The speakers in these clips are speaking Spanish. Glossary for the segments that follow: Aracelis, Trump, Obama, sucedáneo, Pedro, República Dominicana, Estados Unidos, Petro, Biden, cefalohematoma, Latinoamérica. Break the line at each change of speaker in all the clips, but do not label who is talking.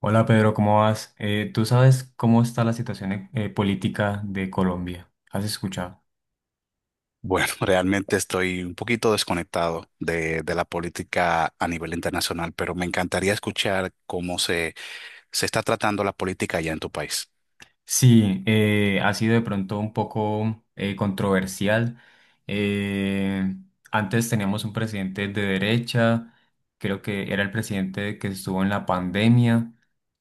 Hola Pedro, ¿cómo vas? ¿Tú sabes cómo está la situación política de Colombia? ¿Has escuchado?
Bueno, realmente estoy un poquito desconectado de la política a nivel internacional, pero me encantaría escuchar cómo se está tratando la política allá en tu país.
Sí, ha sido de pronto un poco controversial. Eh, Antes teníamos un presidente de derecha, creo que era el presidente que estuvo en la pandemia.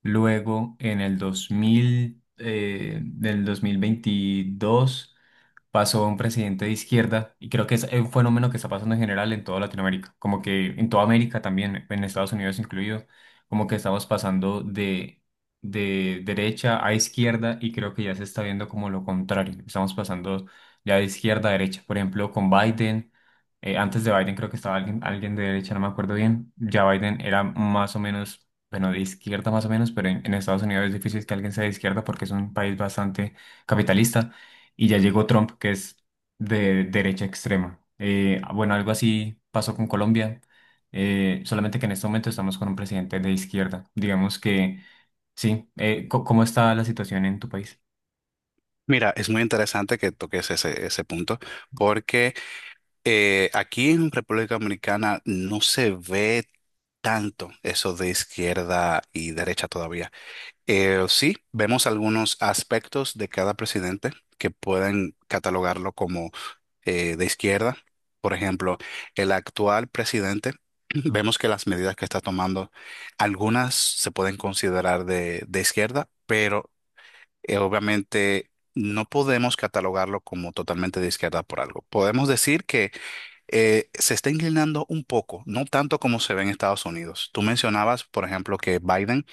Luego, en el 2000, del 2022. Pasó un presidente de izquierda y creo que es un fenómeno que está pasando en general en toda Latinoamérica, como que en toda América también, en Estados Unidos incluido, como que estamos pasando de derecha a izquierda y creo que ya se está viendo como lo contrario, estamos pasando ya de izquierda a derecha, por ejemplo, con Biden. Antes de Biden creo que estaba alguien de derecha, no me acuerdo bien. Ya Biden era más o menos, bueno, de izquierda más o menos, pero en Estados Unidos es difícil que alguien sea de izquierda porque es un país bastante capitalista y ya llegó Trump, que es de derecha extrema. Bueno, algo así pasó con Colombia, solamente que en este momento estamos con un presidente de izquierda. Digamos que sí. ¿Cómo está la situación en tu país?
Mira, es muy interesante que toques ese punto, porque aquí en República Dominicana no se ve tanto eso de izquierda y derecha todavía. Sí, vemos algunos aspectos de cada presidente que pueden catalogarlo como de izquierda. Por ejemplo, el actual presidente, vemos que las medidas que está tomando, algunas se pueden considerar de izquierda, pero obviamente no podemos catalogarlo como totalmente de izquierda por algo. Podemos decir que se está inclinando un poco, no tanto como se ve en Estados Unidos. Tú mencionabas, por ejemplo, que Biden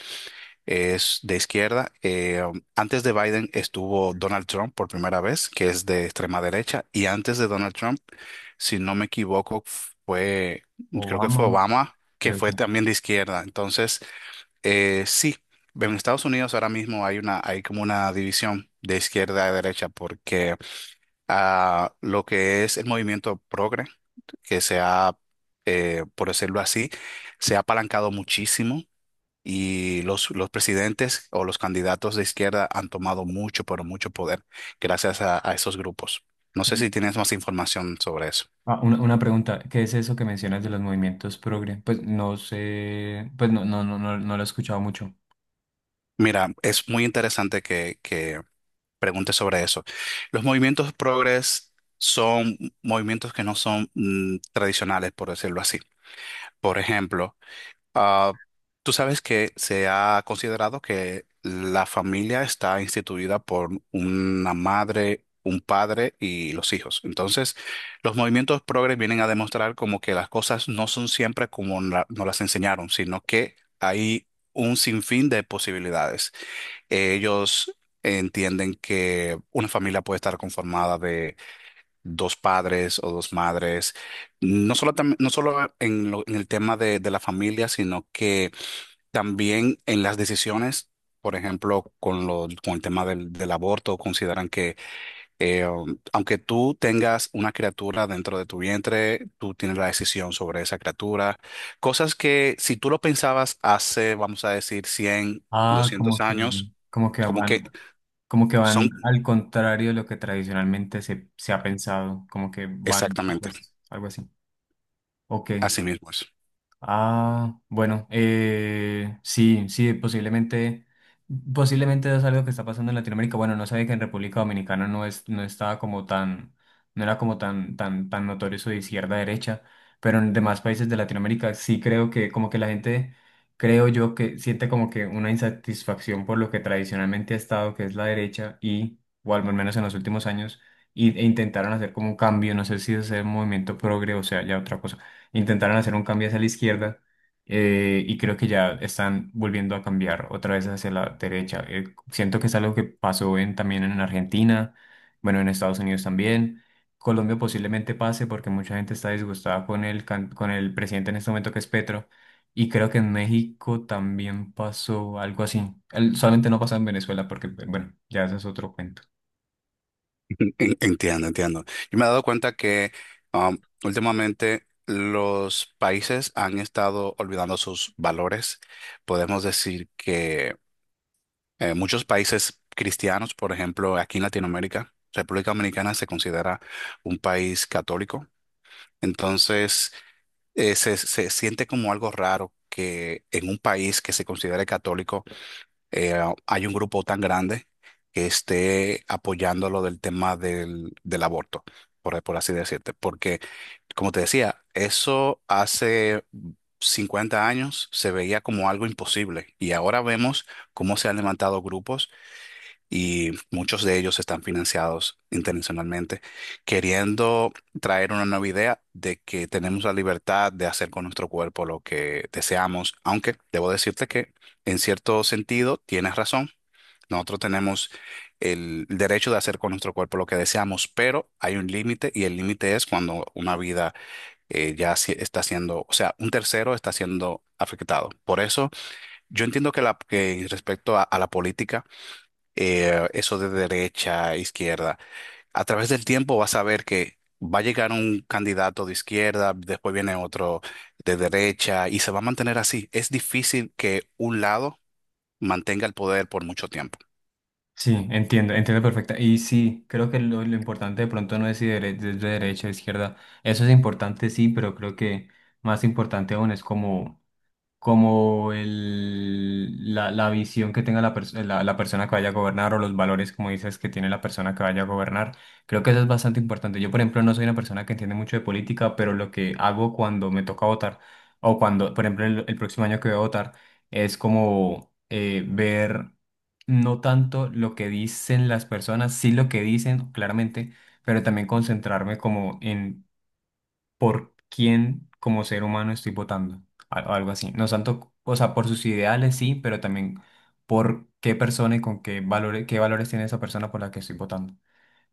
es de izquierda. Antes de Biden estuvo Donald Trump por primera vez, que es de extrema derecha, y antes de Donald Trump, si no me equivoco, fue, creo que fue
Obama,
Obama, que
creo
fue
que.
también de izquierda. Entonces, sí, en Estados Unidos ahora mismo hay hay como una división de izquierda a derecha, porque lo que es el movimiento progre, que por decirlo así, se ha apalancado muchísimo y los presidentes o los candidatos de izquierda han tomado mucho, pero mucho poder gracias a esos grupos. No sé si tienes más información sobre eso.
Ah, una pregunta, ¿qué es eso que mencionas de los movimientos progre? Pues no sé, pues no, lo he escuchado mucho.
Mira, es muy interesante que preguntes sobre eso. Los movimientos progres son movimientos que no son tradicionales, por decirlo así. Por ejemplo, Ah, tú sabes que se ha considerado que la familia está instituida por una madre, un padre y los hijos. Entonces, los movimientos progres vienen a demostrar como que las cosas no son siempre como nos las enseñaron, sino que hay un sinfín de posibilidades. Ellos entienden que una familia puede estar conformada dos padres o dos madres, no solo en el tema de la familia, sino que también en las decisiones, por ejemplo, con el tema del aborto, consideran que aunque tú tengas una criatura dentro de tu vientre, tú tienes la decisión sobre esa criatura, cosas que si tú lo pensabas hace, vamos a decir, 100
Ah,
200 años,
como que
como que
van. Como que van
son
al contrario de lo que tradicionalmente se ha pensado, como que van
exactamente
opuestos, algo así. Ok.
así mismos.
Ah, bueno, sí, posiblemente, posiblemente es algo que está pasando en Latinoamérica. Bueno, no sabía que en República Dominicana no estaba como tan, no era como tan notorio eso de izquierda a derecha, pero en demás países de Latinoamérica sí creo que como que creo yo que siente como que una insatisfacción por lo que tradicionalmente ha estado, que es la derecha y, o al menos en los últimos años, e intentaron hacer como un cambio, no sé si es el movimiento progre o sea ya otra cosa, intentaron hacer un cambio hacia la izquierda. Y creo que ya están volviendo a cambiar otra vez hacia la derecha. Siento que es algo que también en Argentina, bueno, en Estados Unidos también. Colombia posiblemente pase porque mucha gente está disgustada con con el presidente en este momento que es Petro. Y creo que en México también pasó algo así. Solamente no pasó en Venezuela porque, bueno, ya ese es otro cuento.
Entiendo, entiendo. Yo me he dado cuenta que um, últimamente los países han estado olvidando sus valores. Podemos decir que muchos países cristianos, por ejemplo, aquí en Latinoamérica, República Dominicana se considera un país católico. Entonces, se siente como algo raro que en un país que se considere católico eh, hay un grupo tan grande que esté apoyando lo del tema del aborto, por así decirte. Porque, como te decía, eso hace 50 años se veía como algo imposible y ahora vemos cómo se han levantado grupos y muchos de ellos están financiados internacionalmente, queriendo traer una nueva idea de que tenemos la libertad de hacer con nuestro cuerpo lo que deseamos, aunque debo decirte que en cierto sentido tienes razón. Nosotros tenemos el derecho de hacer con nuestro cuerpo lo que deseamos, pero hay un límite y el límite es cuando una vida ya está siendo, o sea, un tercero está siendo afectado. Por eso yo entiendo que, que respecto a la política, eso de derecha, a izquierda. A través del tiempo vas a ver que va a llegar un candidato de izquierda, después viene otro de derecha y se va a mantener así. Es difícil que un lado mantenga el poder por mucho tiempo.
Sí, entiendo, entiendo perfecta. Y sí, creo que lo importante de pronto no es si de derecha o izquierda. Eso es importante, sí, pero creo que más importante aún es la visión que tenga la persona que vaya a gobernar o los valores, como dices, que tiene la persona que vaya a gobernar. Creo que eso es bastante importante. Yo, por ejemplo, no soy una persona que entiende mucho de política, pero lo que hago cuando me toca votar o cuando, por ejemplo, el próximo año que voy a votar es como ver no tanto lo que dicen las personas, sí lo que dicen, claramente, pero también concentrarme como en por quién como ser humano estoy votando, algo así. No tanto, o sea, por sus ideales sí, pero también por qué persona y con qué valores tiene esa persona por la que estoy votando.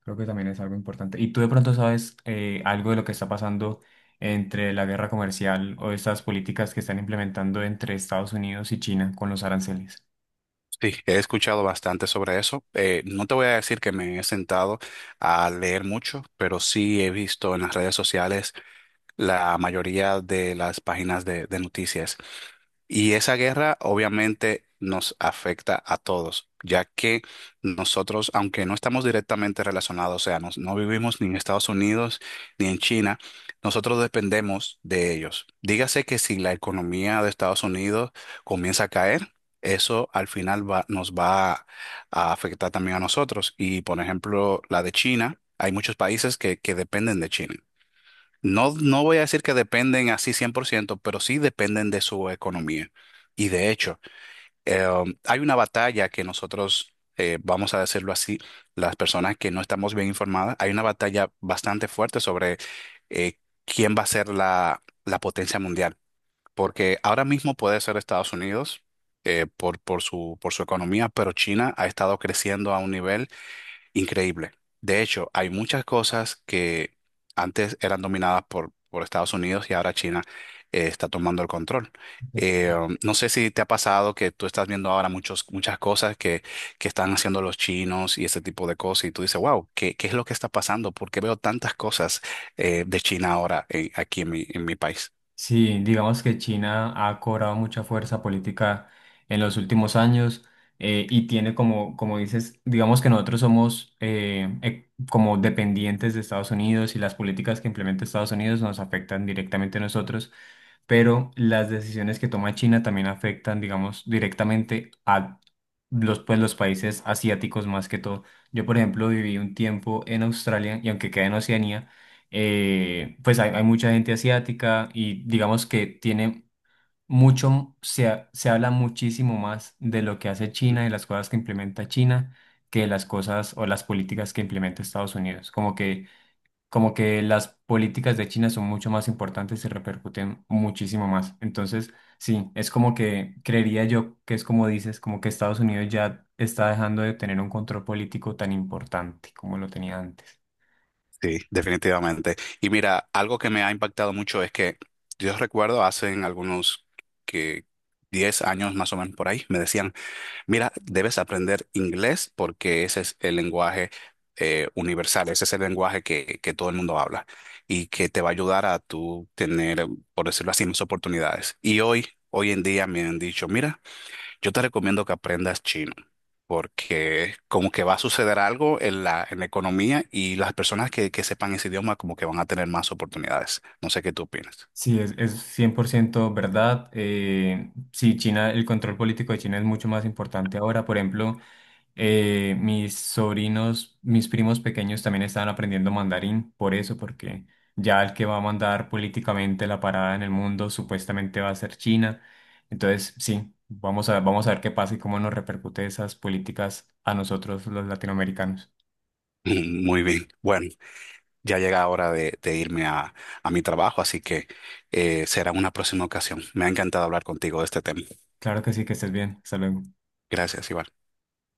Creo que también es algo importante. ¿Y tú de pronto sabes algo de lo que está pasando entre la guerra comercial o estas políticas que están implementando entre Estados Unidos y China con los aranceles?
Sí, he escuchado bastante sobre eso. No te voy a decir que me he sentado a leer mucho, pero sí he visto en las redes sociales la mayoría de las páginas de noticias. Y esa guerra obviamente nos afecta a todos, ya que nosotros, aunque no estamos directamente relacionados, o sea, no vivimos ni en Estados Unidos ni en China, nosotros dependemos de ellos. Dígase que si la economía de Estados Unidos comienza a caer, eso al final nos va a afectar también a nosotros. Y por ejemplo, la de China, hay muchos países que dependen de China. No, no voy a decir que dependen así 100%, pero sí dependen de su economía. Y de hecho, hay una batalla que nosotros, vamos a decirlo así, las personas que no estamos bien informadas, hay una batalla bastante fuerte sobre eh, quién va a ser la potencia mundial. Porque ahora mismo puede ser Estados Unidos por su economía, pero China ha estado creciendo a un nivel increíble. De hecho, hay muchas cosas que antes eran dominadas por Estados Unidos y ahora China está tomando el control. No sé si te ha pasado que tú estás viendo ahora muchos, muchas cosas que están haciendo los chinos y ese tipo de cosas y tú dices, wow, ¿qué es lo que está pasando? ¿Por qué veo tantas cosas de China ahora aquí en mi país?
Sí, digamos que China ha cobrado mucha fuerza política en los últimos años, y tiene como, como dices, digamos que nosotros somos como dependientes de Estados Unidos y las políticas que implementa Estados Unidos nos afectan directamente a nosotros, pero las decisiones que toma China también afectan, digamos, directamente a pues, los países asiáticos más que todo. Yo, por ejemplo, viví un tiempo en Australia y aunque queda en Oceanía, pues hay mucha gente asiática y digamos que tiene se habla muchísimo más de lo que hace China y las cosas que implementa China que de las cosas o las políticas que implementa Estados Unidos. Como que las políticas de China son mucho más importantes y repercuten muchísimo más. Entonces, sí, es como que creería yo que es como dices, como que Estados Unidos ya está dejando de tener un control político tan importante como lo tenía antes.
Sí, definitivamente. Y mira, algo que me ha impactado mucho es que yo recuerdo hace en algunos que 10 años más o menos por ahí, me decían, mira, debes aprender inglés porque ese es el lenguaje universal, ese es el lenguaje que todo el mundo habla y que te va a ayudar a tú tener, por decirlo así, más oportunidades. Y hoy, hoy en día me han dicho, mira, yo te recomiendo que aprendas chino, porque como que va a suceder algo en la economía y las personas que sepan ese idioma como que van a tener más oportunidades. No sé qué tú opinas.
Sí, es 100% verdad. Sí, China, el control político de China es mucho más importante ahora. Por ejemplo, mis sobrinos, mis primos pequeños también estaban aprendiendo mandarín, por eso, porque ya el que va a mandar políticamente la parada en el mundo supuestamente va a ser China. Entonces, sí, vamos a ver qué pasa y cómo nos repercute esas políticas a nosotros los latinoamericanos.
Muy bien. Bueno, ya llega hora de irme a mi trabajo, así que será una próxima ocasión. Me ha encantado hablar contigo de este tema.
Claro que sí, que estés bien. Hasta luego.
Gracias, Iván.